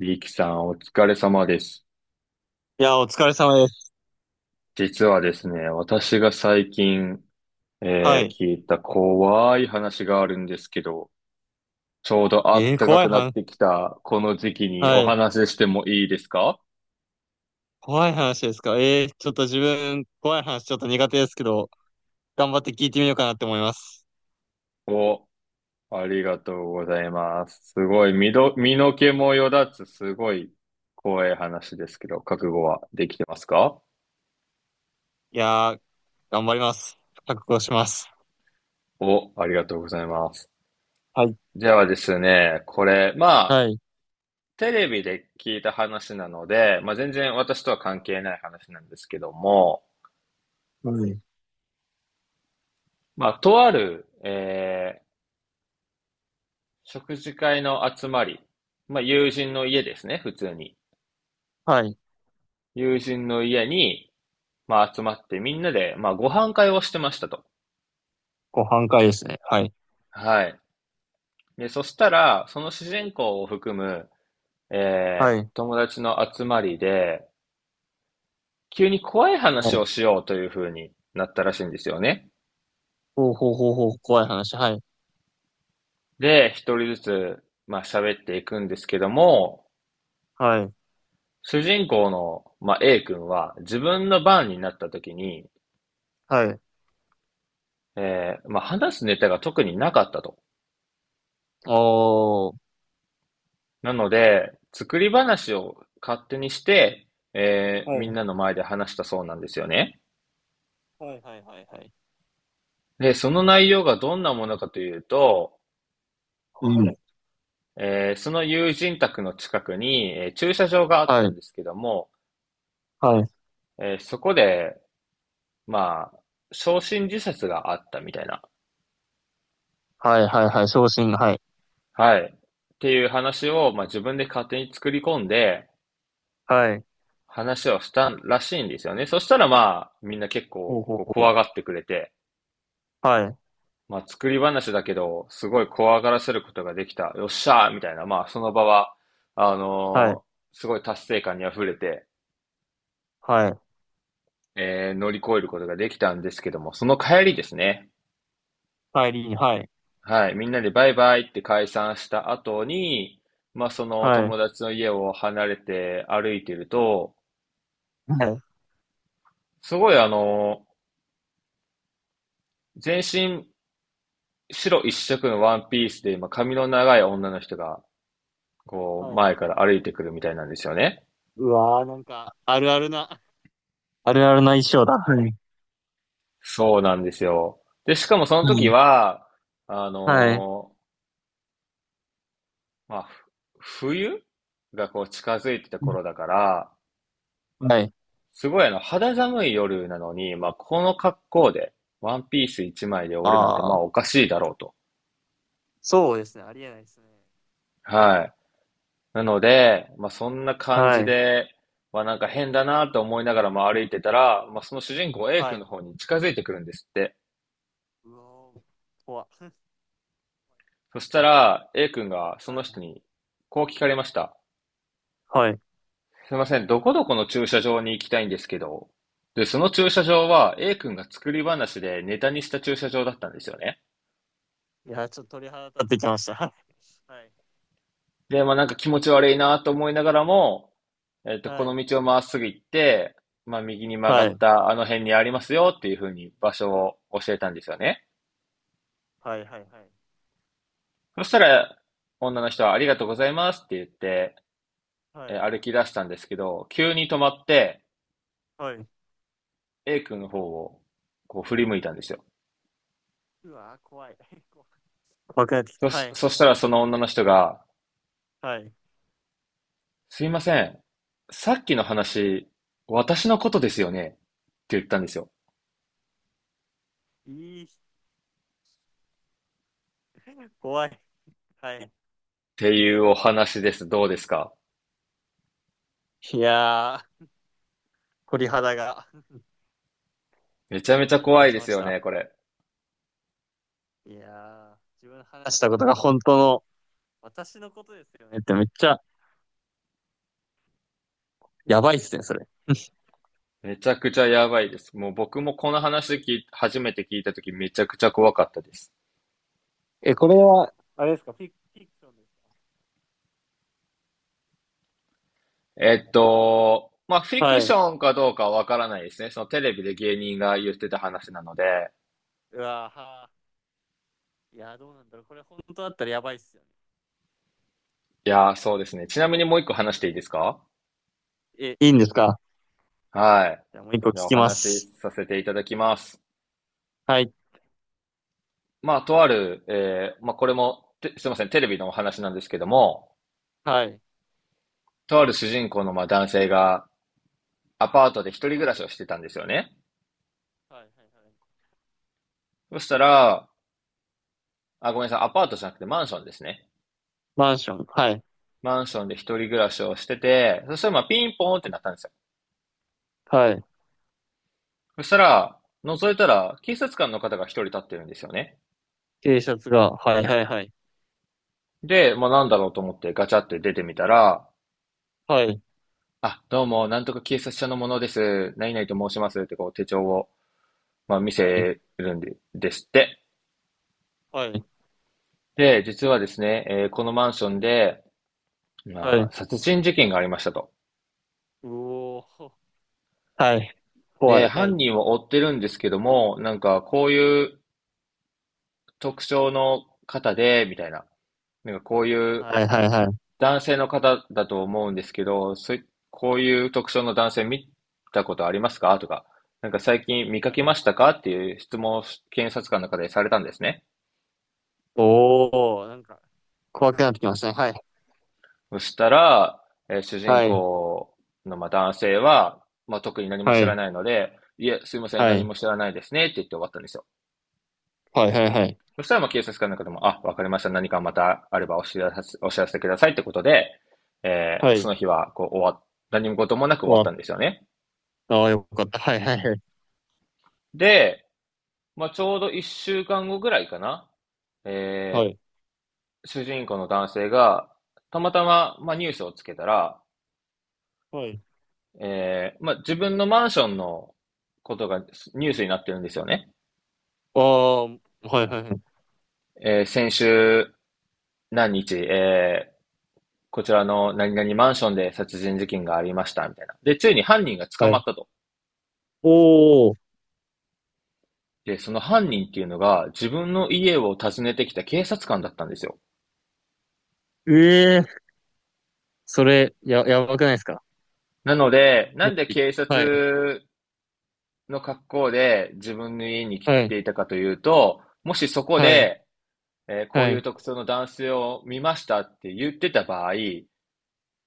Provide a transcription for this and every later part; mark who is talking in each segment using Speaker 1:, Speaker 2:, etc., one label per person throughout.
Speaker 1: リキさん、お疲れ様です。
Speaker 2: いや、お疲れ様です。
Speaker 1: 実はですね、私が最近、
Speaker 2: はい。
Speaker 1: 聞いた怖い話があるんですけど、ちょうど暖か
Speaker 2: 怖い
Speaker 1: くなっ
Speaker 2: 話。
Speaker 1: てきたこの時期に
Speaker 2: は
Speaker 1: お
Speaker 2: い。
Speaker 1: 話ししてもいいですか？
Speaker 2: 怖い話ですか。ちょっと自分、怖い話ちょっと苦手ですけど、頑張って聞いてみようかなって思います。
Speaker 1: お、ありがとうございます。すごい、身の毛もよだつ、すごい怖い話ですけど、覚悟はできてますか？
Speaker 2: いやー、頑張ります。覚悟します。
Speaker 1: お、ありがとうございます。
Speaker 2: はい。
Speaker 1: ではですね、これ、まあ、
Speaker 2: はい。
Speaker 1: テレビで聞いた話なので、まあ、全然私とは関係ない話なんですけども、
Speaker 2: はい
Speaker 1: まあ、とある、食事会の集まり、まあ、友人の家ですね、普通に。
Speaker 2: はい。
Speaker 1: 友人の家に、まあ、集まってみんなで、まあ、ご飯会をしてましたと。
Speaker 2: ご半回ですね。はい。
Speaker 1: はい。で、そしたら、その主人公を含む、
Speaker 2: はい。
Speaker 1: 友達の集まりで、急に怖い
Speaker 2: は
Speaker 1: 話
Speaker 2: い。
Speaker 1: をしようという風になったらしいんですよね。
Speaker 2: ほうほうほうほう、怖い話。はい。
Speaker 1: で、一人ずつ、まあ、喋っていくんですけども、
Speaker 2: はい。
Speaker 1: 主人公の、まあ、A 君は自分の番になった時に、
Speaker 2: はい。
Speaker 1: まあ、話すネタが特になかったと。
Speaker 2: おー。
Speaker 1: なので、作り話を勝手にして、
Speaker 2: は
Speaker 1: みん
Speaker 2: い。
Speaker 1: なの前で話したそうなんですよね。
Speaker 2: はいはいはいはい。
Speaker 1: で、その内容がどんなものかというと、
Speaker 2: うん。
Speaker 1: その友人宅の近くに、駐車場があっ
Speaker 2: は
Speaker 1: たん
Speaker 2: い。
Speaker 1: ですけども、
Speaker 2: はい。
Speaker 1: そこで、まあ、焼身自殺があったみたいな。
Speaker 2: はいはいはい。昇進。はい。
Speaker 1: はい。っていう話を、まあ、自分で勝手に作り込んで、
Speaker 2: はい。
Speaker 1: 話をしたらしいんですよね。そしたらまあ、みんな結
Speaker 2: ほ
Speaker 1: 構
Speaker 2: うほう
Speaker 1: こう
Speaker 2: ほ
Speaker 1: 怖が
Speaker 2: う。
Speaker 1: ってくれて、
Speaker 2: はい。
Speaker 1: まあ、作り話だけど、すごい怖がらせることができた。よっしゃーみたいな、まあ、その場は、
Speaker 2: はい。
Speaker 1: すごい達成感に溢れて、
Speaker 2: はい。
Speaker 1: 乗り越えることができたんですけども、その帰りですね。
Speaker 2: 帰りに、はい。
Speaker 1: はい。みんなでバイバイって解散した後に、まあ、その
Speaker 2: はい。
Speaker 1: 友達の家を離れて歩いてると、
Speaker 2: はい。
Speaker 1: すごいあの全身白一色のワンピースで、今、髪の長い女の人が、こう、
Speaker 2: はい。
Speaker 1: 前から歩いてくるみたいなんですよね。
Speaker 2: うわー、なんか、あるあるな。あるあるな衣装だ。はい。
Speaker 1: そうなんですよ。で、しかもその
Speaker 2: う
Speaker 1: 時
Speaker 2: ん。
Speaker 1: は、あ
Speaker 2: はい。は
Speaker 1: のまあ、冬がこう近づいてた頃だ
Speaker 2: い
Speaker 1: から、
Speaker 2: はいはい。
Speaker 1: すごいあの、肌寒い夜なのに、まあ、この格好で、ワンピース一枚で俺なんてま
Speaker 2: あ
Speaker 1: あ
Speaker 2: あ、
Speaker 1: おかしいだろうと。
Speaker 2: そうですね。ありえないですね。
Speaker 1: はい。なので、まあ、そんな感
Speaker 2: は
Speaker 1: じ
Speaker 2: い。
Speaker 1: で、まあ、なんか変だなと思いながらも歩いてたら、まあ、その主人公 A
Speaker 2: は
Speaker 1: 君の
Speaker 2: い。
Speaker 1: 方に近づいてくるんですって。
Speaker 2: うわー、怖っ。
Speaker 1: そした ら A 君がその
Speaker 2: は
Speaker 1: 人
Speaker 2: い。
Speaker 1: にこう聞かれました。
Speaker 2: はい。
Speaker 1: すいません、どこどこの駐車場に行きたいんですけど。で、その駐車場は A 君が作り話でネタにした駐車場だったんですよね。
Speaker 2: いや、ちょっと鳥肌立ってきました。はい。
Speaker 1: で、まあ、なんか気持ち悪いなと思いながらも、えっと、こ
Speaker 2: は
Speaker 1: の
Speaker 2: い。
Speaker 1: 道をまっすぐ行って、まあ、右に曲
Speaker 2: は
Speaker 1: がっ
Speaker 2: い。
Speaker 1: たあの辺にありますよっていうふうに場所を教えたんですよね。
Speaker 2: はいはいはい。
Speaker 1: そしたら、女の人はありがとうございますって言って、
Speaker 2: はい。
Speaker 1: 歩き出したんですけど、急に止まって、
Speaker 2: はい。
Speaker 1: A 君の方をこう振り向いたんですよ。
Speaker 2: うわー、怖い。怖怖くなってきた。はい。
Speaker 1: そしたらその女の人が、
Speaker 2: はい。
Speaker 1: すいません、さっきの話、私のことですよねって言ったんですよ。
Speaker 2: いい、怖い。はい。
Speaker 1: っていうお話です。どうですか？
Speaker 2: いやー、鳥肌が、
Speaker 1: めちゃめ
Speaker 2: 鳥
Speaker 1: ちゃ
Speaker 2: 肌が
Speaker 1: 怖い
Speaker 2: 立ち
Speaker 1: で
Speaker 2: ま
Speaker 1: す
Speaker 2: し
Speaker 1: よ
Speaker 2: た。
Speaker 1: ね、これ。
Speaker 2: いやー、自分の話したことが本当の、私のことですよねって、めっちゃやばいっすね、それ。
Speaker 1: めちゃくちゃやばいです。もう僕もこの話聞い初めて聞いたときめちゃくちゃ怖かったです。
Speaker 2: え、これは、あれですか、フィクションです
Speaker 1: えっと、まあ、フ
Speaker 2: か？
Speaker 1: ィク
Speaker 2: は
Speaker 1: シ
Speaker 2: い。
Speaker 1: ョンかどうかはわからないですね。そのテレビで芸人が言ってた話なので。
Speaker 2: うわーはー。いやー、どうなんだろう。これ本当だったらやばいっすよね。
Speaker 1: いやー、そうですね。ちなみにもう一個話していいですか？
Speaker 2: え、いいんですか？
Speaker 1: はい。
Speaker 2: じゃあもう一個聞
Speaker 1: じゃあお
Speaker 2: きま
Speaker 1: 話し
Speaker 2: す。
Speaker 1: させていただきます。
Speaker 2: はい。
Speaker 1: まあ、とある、えー、まあ、これも、すいません、テレビのお話なんですけども、
Speaker 2: はい。
Speaker 1: とある主人公のまあ男性がアパートで一人暮
Speaker 2: は
Speaker 1: ら
Speaker 2: い。は
Speaker 1: しをし
Speaker 2: い
Speaker 1: てたんですよね。
Speaker 2: はいはい。
Speaker 1: そしたら、あ、ごめんなさい、アパートじゃなくてマンションですね。
Speaker 2: マンション。はい。
Speaker 1: マンションで一人暮らしをしてて、そしたらまあピンポーンってなっ
Speaker 2: あ、
Speaker 1: たんですよ。
Speaker 2: はい。
Speaker 1: そしたら、覗いたら、警察官の方が一人立ってるんですよね。
Speaker 2: T シャツが。はいはいはい。
Speaker 1: で、まあなんだろうと思ってガチャって出てみたら、
Speaker 2: はい。
Speaker 1: あ、どうも、なんとか警察署の者です。何々と申しますってこう手帳を、まあ、見
Speaker 2: はい。
Speaker 1: せるんで、ですって。
Speaker 2: はい。
Speaker 1: で、実はですね、このマンションで、
Speaker 2: は
Speaker 1: まあ、
Speaker 2: い。
Speaker 1: 殺人事件がありましたと。
Speaker 2: うおー。はい。怖
Speaker 1: で、
Speaker 2: い。は
Speaker 1: 犯
Speaker 2: い。
Speaker 1: 人を追ってるんですけども、なんかこういう特徴の方で、みたいな。なんかこうい
Speaker 2: は
Speaker 1: う
Speaker 2: はいはいはい。
Speaker 1: 男性の方だと思うんですけど、そういこういう特徴の男性見たことありますかとか、なんか最近見か
Speaker 2: は
Speaker 1: け
Speaker 2: い。
Speaker 1: ましたかっていう質問を検察官の方でされたんですね。
Speaker 2: おー、なんか、怖くなってきましたね。はい。
Speaker 1: そしたら、主人
Speaker 2: はい。
Speaker 1: 公のまあ男性は、まあ、特に何も
Speaker 2: は
Speaker 1: 知ら
Speaker 2: い。
Speaker 1: ないので、いえ、すいません、
Speaker 2: は
Speaker 1: 何
Speaker 2: い。
Speaker 1: も知らないですねって言って終わったんですよ。
Speaker 2: はい。はい。はい。
Speaker 1: そしたらまあ警察官の方も、あ、わかりました、何かまたあればお知らせくださいってことで、
Speaker 2: は
Speaker 1: そ
Speaker 2: い。
Speaker 1: の日はこう終わっ、何事もなく終
Speaker 2: 終
Speaker 1: わっ
Speaker 2: わっ
Speaker 1: たんですよね。
Speaker 2: た。ああ、よかった。はい。はい。
Speaker 1: で、まあ、ちょうど一週間後ぐらいかな。
Speaker 2: は
Speaker 1: え
Speaker 2: い。は
Speaker 1: ー
Speaker 2: い。
Speaker 1: 主人公の男性が、たまたま、まあ、ニュースをつけたら、
Speaker 2: はい。
Speaker 1: まあ、自分のマンションのことがニュースになってるんですよね。
Speaker 2: ああ、はい。はい。はい。
Speaker 1: えー先週何日、こちらの何々マンションで殺人事件がありました、みたいな。で、ついに犯人が捕
Speaker 2: は
Speaker 1: ま
Speaker 2: い。
Speaker 1: ったと。
Speaker 2: おお、
Speaker 1: で、その犯人っていうのが自分の家を訪ねてきた警察官だったんですよ。
Speaker 2: ええ、それ、やばくないですか？
Speaker 1: なので、な
Speaker 2: も
Speaker 1: んで
Speaker 2: し。
Speaker 1: 警
Speaker 2: はい。
Speaker 1: 察の格好で自分の家に来
Speaker 2: はい。
Speaker 1: ていたかというと、もしそこ
Speaker 2: はい。
Speaker 1: で、こう
Speaker 2: は
Speaker 1: いう
Speaker 2: い。
Speaker 1: 特徴の男性を見ましたって言ってた場合、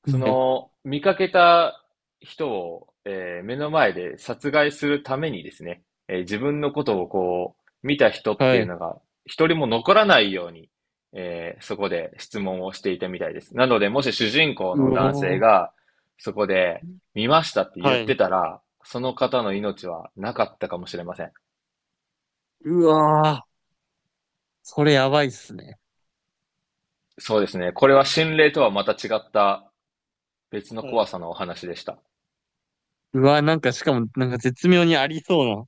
Speaker 1: そ
Speaker 2: はい。
Speaker 1: の、見かけた人を、目の前で殺害するためにですね、自分のことをこう見た人っ
Speaker 2: は
Speaker 1: ていう
Speaker 2: い。
Speaker 1: のが、一人も残らないように、そこで質問をしていたみたいです。なので、もし主人公
Speaker 2: う
Speaker 1: の男
Speaker 2: お
Speaker 1: 性
Speaker 2: ー。
Speaker 1: が、そこで、見ましたって言
Speaker 2: は
Speaker 1: っ
Speaker 2: い。
Speaker 1: てたら、その方の命はなかったかもしれません。
Speaker 2: うわー。それやばいっすね。
Speaker 1: そうですね。これは心霊とはまた違った別の
Speaker 2: は
Speaker 1: 怖
Speaker 2: い。
Speaker 1: さのお話でした。
Speaker 2: うわー、なんかしかも、なんか絶妙にありそう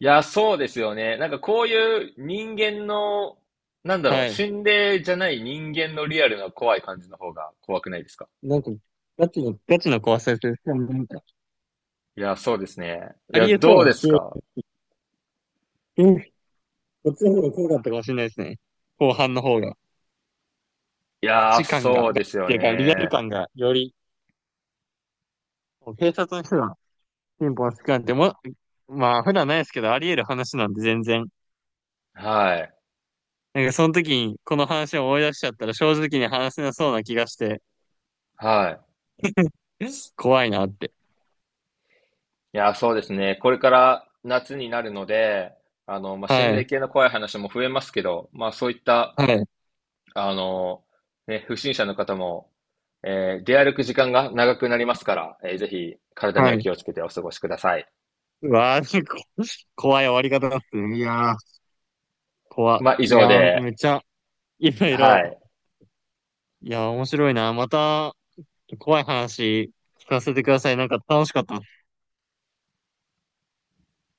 Speaker 1: いや、そうですよね。なんかこういう人間の、なんだ
Speaker 2: な。
Speaker 1: ろ
Speaker 2: は
Speaker 1: う、
Speaker 2: い。
Speaker 1: 心霊じゃない人間のリアルな怖い感じの方が怖くないですか？
Speaker 2: なんか、ガチの怖さです。しかもなんか、
Speaker 1: いや、そうですね。い
Speaker 2: あ
Speaker 1: や、
Speaker 2: りえそう
Speaker 1: どう
Speaker 2: な
Speaker 1: で
Speaker 2: シ
Speaker 1: す
Speaker 2: チュエ
Speaker 1: か？
Speaker 2: ーション。こっちの方が怖かったかもしれないですね。後半の方が。
Speaker 1: い
Speaker 2: ガ
Speaker 1: や、
Speaker 2: チ感が、ガ
Speaker 1: そう
Speaker 2: チ
Speaker 1: ですよ
Speaker 2: やからリアル
Speaker 1: ね。
Speaker 2: 感がより、もう警察の人がピンポンつくなんても、まあ普段ないですけど、あり得る話なんで全然。
Speaker 1: はい。
Speaker 2: なんかその時にこの話を思い出しちゃったら正直に話せなそうな気がして、
Speaker 1: はい。
Speaker 2: 怖いなって。
Speaker 1: いや、そうですね。これから夏になるので、あの、まあ、心
Speaker 2: は
Speaker 1: 霊
Speaker 2: い。
Speaker 1: 系の怖い話も増えますけど、まあ、そういった、
Speaker 2: はい。
Speaker 1: あの、ね、不審者の方も、出歩く時間が長くなりますから、ぜひ体に
Speaker 2: は
Speaker 1: は
Speaker 2: い。
Speaker 1: 気をつけてお過ごしください。
Speaker 2: うわー、怖い終わり方だっすね。いやー、怖。
Speaker 1: まあ、以
Speaker 2: い
Speaker 1: 上
Speaker 2: やー、
Speaker 1: で、
Speaker 2: めっちゃ、いろい
Speaker 1: は
Speaker 2: ろ。
Speaker 1: い。
Speaker 2: いやー、面白いな。また、怖い話聞かせてください。なんか楽しかった。